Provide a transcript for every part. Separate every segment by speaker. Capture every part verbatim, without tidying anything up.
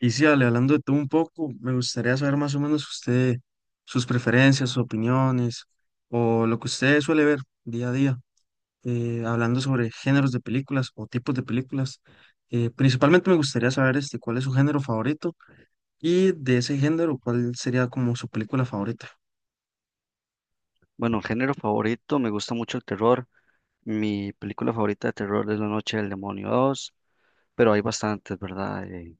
Speaker 1: Y sí, Ale, hablando de todo un poco, me gustaría saber más o menos usted, sus preferencias, sus opiniones, o lo que usted suele ver día a día, eh, hablando sobre géneros de películas o tipos de películas. Eh, principalmente me gustaría saber este, cuál es su género favorito y de ese género, cuál sería como su película favorita.
Speaker 2: Bueno, género favorito, me gusta mucho el terror. Mi película favorita de terror es La Noche del Demonio dos, pero hay bastantes, ¿verdad? Eh,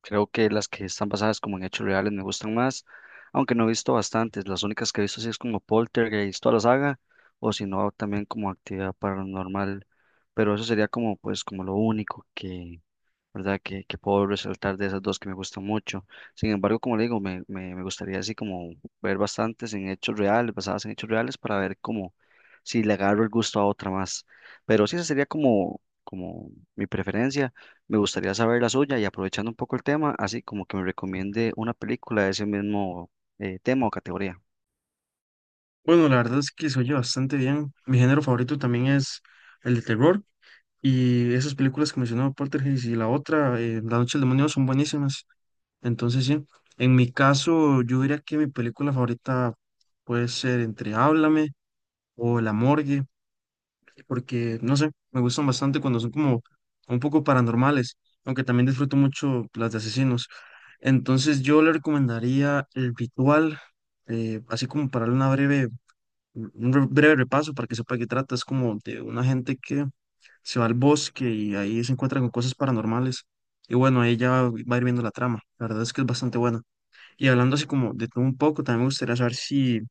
Speaker 2: Creo que las que están basadas como en hechos reales me gustan más, aunque no he visto bastantes. Las únicas que he visto sí es como Poltergeist, toda la saga, o si no, también como Actividad Paranormal, pero eso sería como, pues, como lo único que, ¿verdad? Que, que puedo resaltar de esas dos que me gustan mucho. Sin embargo, como le digo, me, me, me gustaría así como ver bastantes en hechos reales, basadas en hechos reales, para ver cómo, si le agarro el gusto a otra más. Pero sí, esa sería como, como mi preferencia. Me gustaría saber la suya y aprovechando un poco el tema, así como que me recomiende una película de ese mismo eh, tema o categoría.
Speaker 1: Bueno, la verdad es que se oye bastante bien. Mi género favorito también es el de terror y esas películas que mencionó Poltergeist y la otra, eh, La Noche del Demonio, son buenísimas. Entonces, sí, en mi caso, yo diría que mi película favorita puede ser entre Háblame o La Morgue, porque, no sé, me gustan bastante cuando son como un poco paranormales, aunque también disfruto mucho las de asesinos. Entonces, yo le recomendaría El Ritual, eh, así como para darle una breve, un re- breve repaso para que sepa de qué trata. Es como de una gente que se va al bosque y ahí se encuentra con cosas paranormales. Y bueno, ahí ya va a ir viendo la trama. La verdad es que es bastante buena. Y hablando así como de todo un poco, también me gustaría saber si,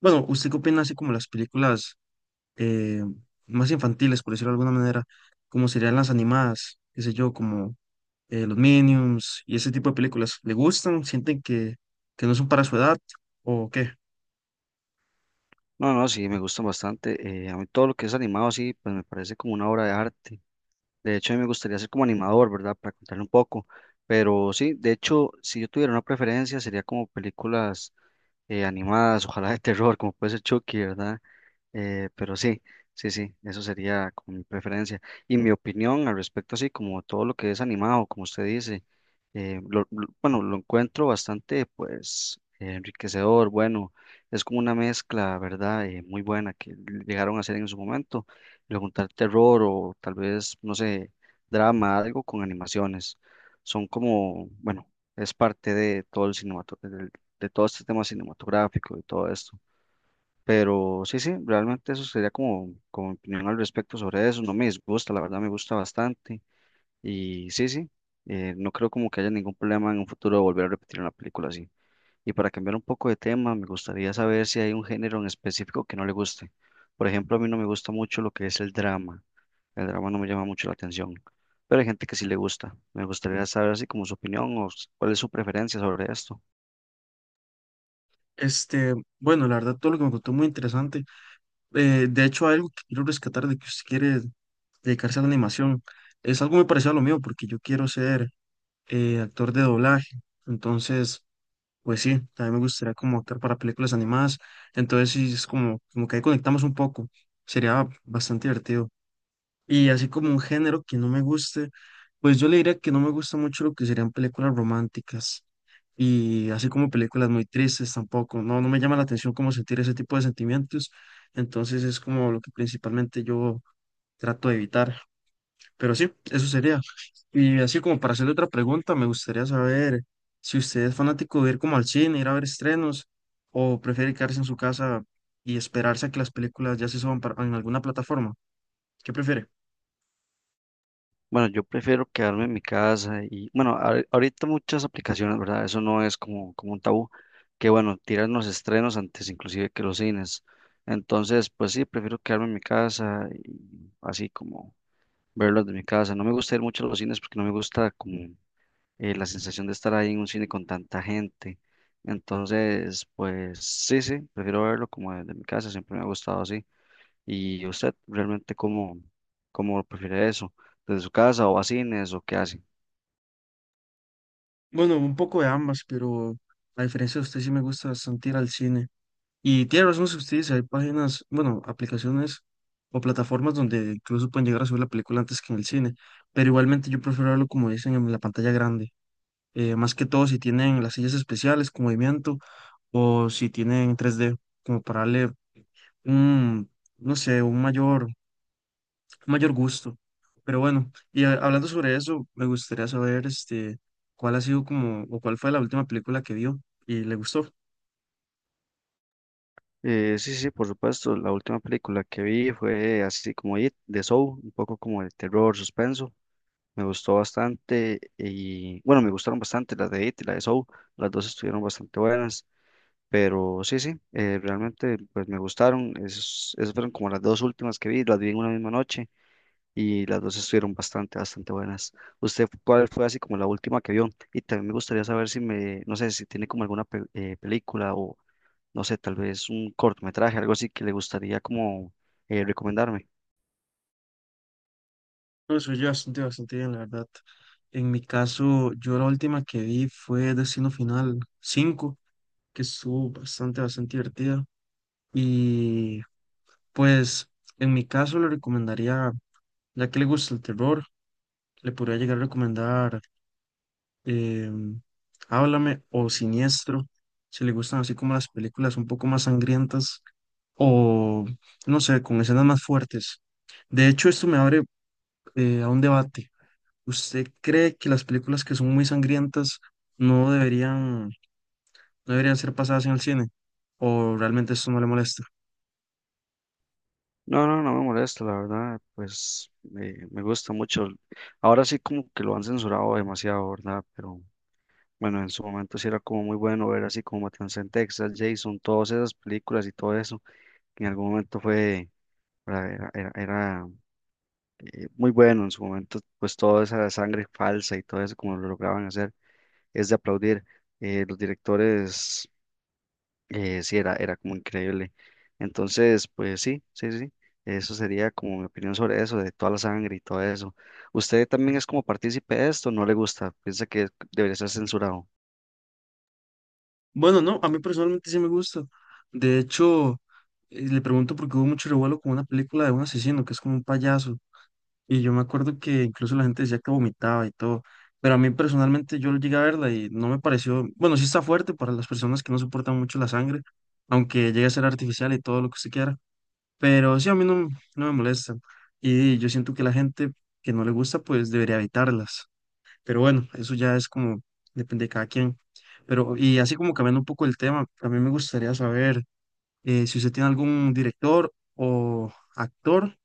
Speaker 1: bueno, ¿usted qué opina así como las películas eh, más infantiles, por decirlo de alguna manera, como serían las animadas, qué sé yo, como eh, los Minions y ese tipo de películas? ¿Le gustan? ¿Sienten que, que no son para su edad o qué?
Speaker 2: No, no, sí, me gustan bastante. Eh, a mí todo lo que es animado, sí, pues me parece como una obra de arte. De hecho, a mí me gustaría ser como animador, ¿verdad? Para contarle un poco. Pero sí, de hecho, si yo tuviera una preferencia, sería como películas eh, animadas, ojalá de terror, como puede ser Chucky, ¿verdad? Eh, pero sí, sí, sí, eso sería como mi preferencia. Y mi opinión al respecto, así como todo lo que es animado, como usted dice, eh, lo- lo- bueno, lo encuentro bastante, pues, eh, enriquecedor, bueno, es como una mezcla, ¿verdad? Eh, muy buena que llegaron a hacer en su momento, le juntar terror o tal vez, no sé, drama, algo con animaciones. Son como, bueno, es parte de todo el cinematográfico, de todo este tema cinematográfico y todo esto. Pero sí, sí, realmente eso sería como, como mi opinión al respecto sobre eso. No me disgusta, la verdad me gusta bastante. Y sí, sí, eh, no creo como que haya ningún problema en un futuro de volver a repetir una película así. Y para cambiar un poco de tema, me gustaría saber si hay un género en específico que no le guste. Por ejemplo, a mí no me gusta mucho lo que es el drama. El drama no me llama mucho la atención, pero hay gente que sí le gusta. Me gustaría saber así como su opinión o s- cuál es su preferencia sobre esto.
Speaker 1: Este, bueno, la verdad todo lo que me contó muy interesante. Eh, de hecho, hay algo que quiero rescatar de que usted quiere dedicarse a la animación. Es algo muy parecido a lo mío porque yo quiero ser eh, actor de doblaje. Entonces. Pues sí, también me gustaría como optar para películas animadas. Entonces sí, es como, como que ahí conectamos un poco. Sería bastante divertido. Y así como un género que no me guste, pues yo le diría que no me gusta mucho lo que serían películas románticas. Y así como películas muy tristes tampoco. No, no me llama la atención como sentir ese tipo de sentimientos. Entonces es como lo que principalmente yo trato de evitar. Pero sí, eso sería. Y así como para hacerle otra pregunta, me gustaría saber si usted es fanático de ir como al cine, ir a ver estrenos, o prefiere quedarse en su casa y esperarse a que las películas ya se suban para- en alguna plataforma. ¿Qué prefiere?
Speaker 2: Bueno, yo prefiero quedarme en mi casa y bueno, ahor- ahorita muchas aplicaciones, ¿verdad? Eso no es como, como un tabú, que bueno, tiran los estrenos antes inclusive que los cines. Entonces, pues sí, prefiero quedarme en mi casa y así como verlos de mi casa. No me gusta ir mucho a los cines porque no me gusta como eh, la sensación de estar ahí en un cine con tanta gente. Entonces, pues sí, sí, prefiero verlo como desde mi casa, siempre me ha gustado así. ¿Y usted realmente cómo, cómo prefiere eso? ¿Desde su casa o a cines o qué hace?
Speaker 1: Bueno, un poco de ambas, pero a diferencia de usted sí me gusta bastante ir al cine. Y tiene razón si usted dice, hay páginas, bueno, aplicaciones o plataformas donde incluso pueden llegar a subir la película antes que en el cine, pero igualmente yo prefiero verlo como dicen en la pantalla grande. Eh, más que todo si tienen las sillas especiales con movimiento o si tienen tres d como para darle un, no sé, un mayor, un mayor gusto. Pero bueno, y a- hablando sobre eso, me gustaría saber este, cuál ha sido como, o cuál fue la última película que vio y le gustó.
Speaker 2: Eh, sí, sí, por supuesto. La última película que vi fue así como It, de Soul, un poco como de terror, suspenso. Me gustó bastante y bueno, me gustaron bastante las de It y la de Soul. Las dos estuvieron bastante buenas, pero sí, sí, eh, realmente pues me gustaron. Es- esas fueron como las dos últimas que vi, las vi en una misma noche. Y las dos estuvieron bastante, bastante buenas. ¿Usted cuál fue así como la última que vio? Y también me gustaría saber si me, no sé, si tiene como alguna pe- eh, película o, no sé, tal vez un cortometraje, algo así que le gustaría como eh, recomendarme.
Speaker 1: No, soy yo bastante, bastante bien, la verdad. En mi caso, yo la última que vi fue Destino Final cinco que estuvo bastante, bastante divertida. Y pues en mi caso le recomendaría. Ya que le gusta el terror, le podría llegar a recomendar em, Háblame o Siniestro, si le gustan así como las películas un poco más sangrientas o, no sé, con escenas más fuertes. De hecho, esto me abre eh, a un debate. ¿Usted cree que las películas que son muy sangrientas no deberían, no deberían ser pasadas en el cine? ¿O realmente esto no le molesta?
Speaker 2: No, no, no me molesta, la verdad, pues me, me gusta mucho. Ahora sí como que lo han censurado demasiado, ¿verdad? Pero bueno, en su momento sí era como muy bueno ver así como Matanza en Texas, Jason, todas esas películas y todo eso, que en algún momento fue, era, era, era era eh, muy bueno en su momento, pues toda esa sangre falsa y todo eso como lo lograban hacer, es de aplaudir. Eh, los directores, eh, sí, era, era como increíble. Entonces, pues sí, sí, sí, eso sería como mi opinión sobre eso, de toda la sangre y todo eso. ¿Usted también es como partícipe de esto? ¿No le gusta? ¿Piensa que debería ser censurado?
Speaker 1: Bueno, no, a mí personalmente sí me gusta. De hecho, eh, le pregunto porque hubo mucho revuelo con una película de un asesino que es como un payaso. Y yo me acuerdo que incluso la gente decía que vomitaba y todo. Pero a mí personalmente yo llegué a verla y no me pareció. Bueno, sí está fuerte para las personas que no soportan mucho la sangre, aunque llegue a ser artificial y todo lo que se quiera. Pero sí, a mí no, no me molesta. Y yo siento que la gente que no le gusta, pues debería evitarlas. Pero bueno, eso ya es como, depende de cada quien. Pero, y así como cambiando un poco el tema, a mí me gustaría saber eh, si usted tiene algún director o actor,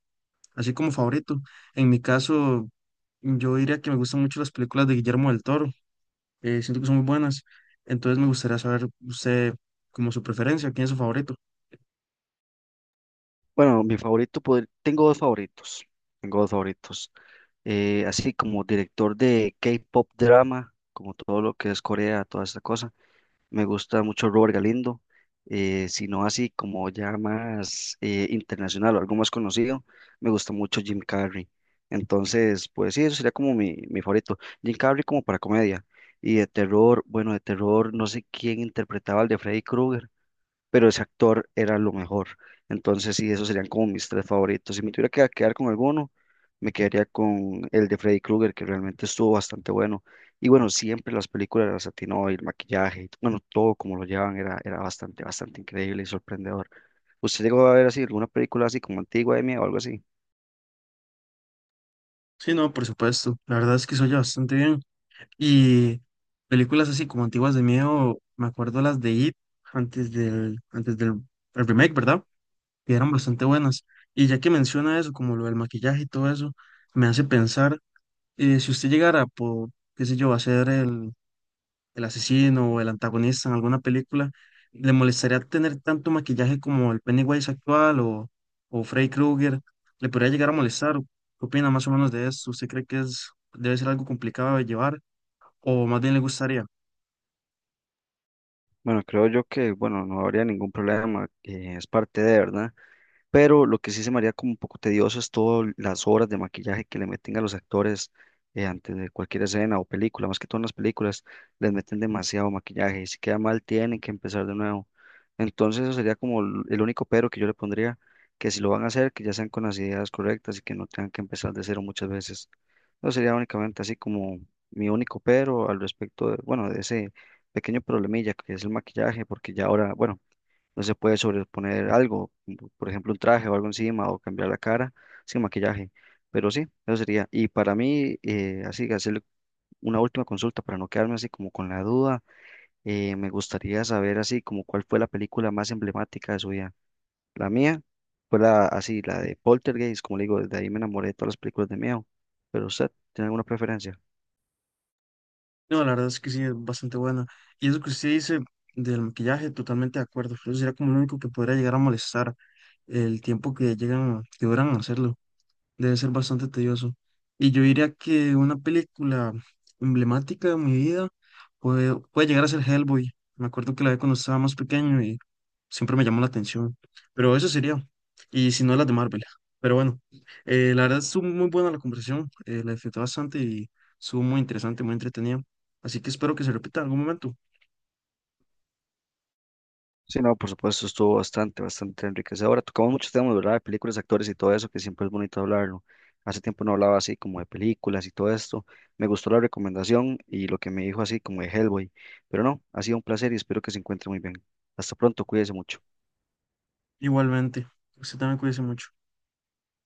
Speaker 1: así como favorito. En mi caso, yo diría que me gustan mucho las películas de Guillermo del Toro, eh, siento que son muy buenas. Entonces me gustaría saber usted como su preferencia, quién es su favorito.
Speaker 2: Bueno, mi favorito, podr- tengo dos favoritos, tengo dos favoritos. Eh, así como director de K-pop drama, como todo lo que es Corea, toda esta cosa. Me gusta mucho Robert Galindo, eh, si no así como ya más eh, internacional o algo más conocido, me gusta mucho Jim Carrey. Entonces, pues sí, eso sería como mi, mi favorito. Jim Carrey como para comedia. Y de terror, bueno, de terror, no sé quién interpretaba al de Freddy Krueger, pero ese actor era lo mejor. Entonces, sí, esos serían como mis tres favoritos. Si me tuviera que quedar con alguno, me quedaría con el de Freddy Krueger, que realmente estuvo bastante bueno. Y bueno, siempre las películas las atinó, y el maquillaje, y bueno, todo como lo llevan era, era bastante, bastante increíble y sorprendedor. ¿Usted llegó a ver así alguna película así como antigua de mí o algo así?
Speaker 1: Sí, no, por supuesto. La verdad es que se oye bastante bien. Y películas así como antiguas de miedo, me acuerdo las de It antes del, antes del el remake, ¿verdad? Que eran bastante buenas. Y ya que menciona eso, como lo del maquillaje y todo eso, me hace pensar, eh, si usted llegara por, qué sé yo, a ser el, el asesino o el antagonista en alguna película, ¿le molestaría tener tanto maquillaje como el Pennywise actual o, o, Freddy Krueger? ¿Le podría llegar a molestar? ¿Qué opina más o menos de eso? ¿Usted cree que es, debe ser algo complicado de llevar? ¿O más bien le gustaría?
Speaker 2: Bueno, creo yo que, bueno, no habría ningún problema, eh, es parte de, ¿verdad? Pero lo que sí se me haría como un poco tedioso es todas las horas de maquillaje que le meten a los actores eh, antes de cualquier escena o película, más que todas las películas, les meten demasiado maquillaje y si queda mal tienen que empezar de nuevo. Entonces eso sería como el el único pero que yo le pondría, que si lo van a hacer, que ya sean con las ideas correctas y que no tengan que empezar de cero muchas veces. Eso sería únicamente así como mi único pero al respecto de, bueno, de ese pequeño problemilla que es el maquillaje, porque ya ahora, bueno. No se puede sobreponer algo, como por ejemplo un traje o algo encima o cambiar la cara sin maquillaje. Pero sí, eso sería. Y para mí, eh, así, hacerle una última consulta para no quedarme así como con la duda, eh, me gustaría saber así como cuál fue la película más emblemática de su vida. La mía fue la, así, la de Poltergeist, como le digo, desde ahí me enamoré de todas las películas de miedo. Pero usted, ¿tiene alguna preferencia?
Speaker 1: No, la verdad es que sí, es bastante buena. Y eso que usted dice del maquillaje, totalmente de acuerdo. Eso sería como lo único que podría llegar a molestar el tiempo que llegan, que duran en hacerlo. Debe ser bastante tedioso. Y yo diría que una película emblemática de mi vida puede, puede llegar a ser Hellboy. Me acuerdo que la vi cuando estaba más pequeño. Siempre me llamó la atención. Pero eso sería. Y si no, las de Marvel. Pero bueno, eh, la verdad estuvo muy buena la conversación. Eh, la disfruté bastante y estuvo muy interesante, muy entretenida. Así que espero que se repita en algún momento.
Speaker 2: Sí, no, por supuesto, estuvo bastante, bastante enriquecedora. Tocamos muchos temas, ¿verdad? De películas, actores y todo eso, que siempre es bonito hablarlo. Hace tiempo no hablaba así como de películas y todo esto. Me gustó la recomendación y lo que me dijo así como de Hellboy. Pero no, ha sido un placer y espero que se encuentre muy bien. Hasta pronto, cuídese mucho.
Speaker 1: Igualmente. Usted también cuídese mucho.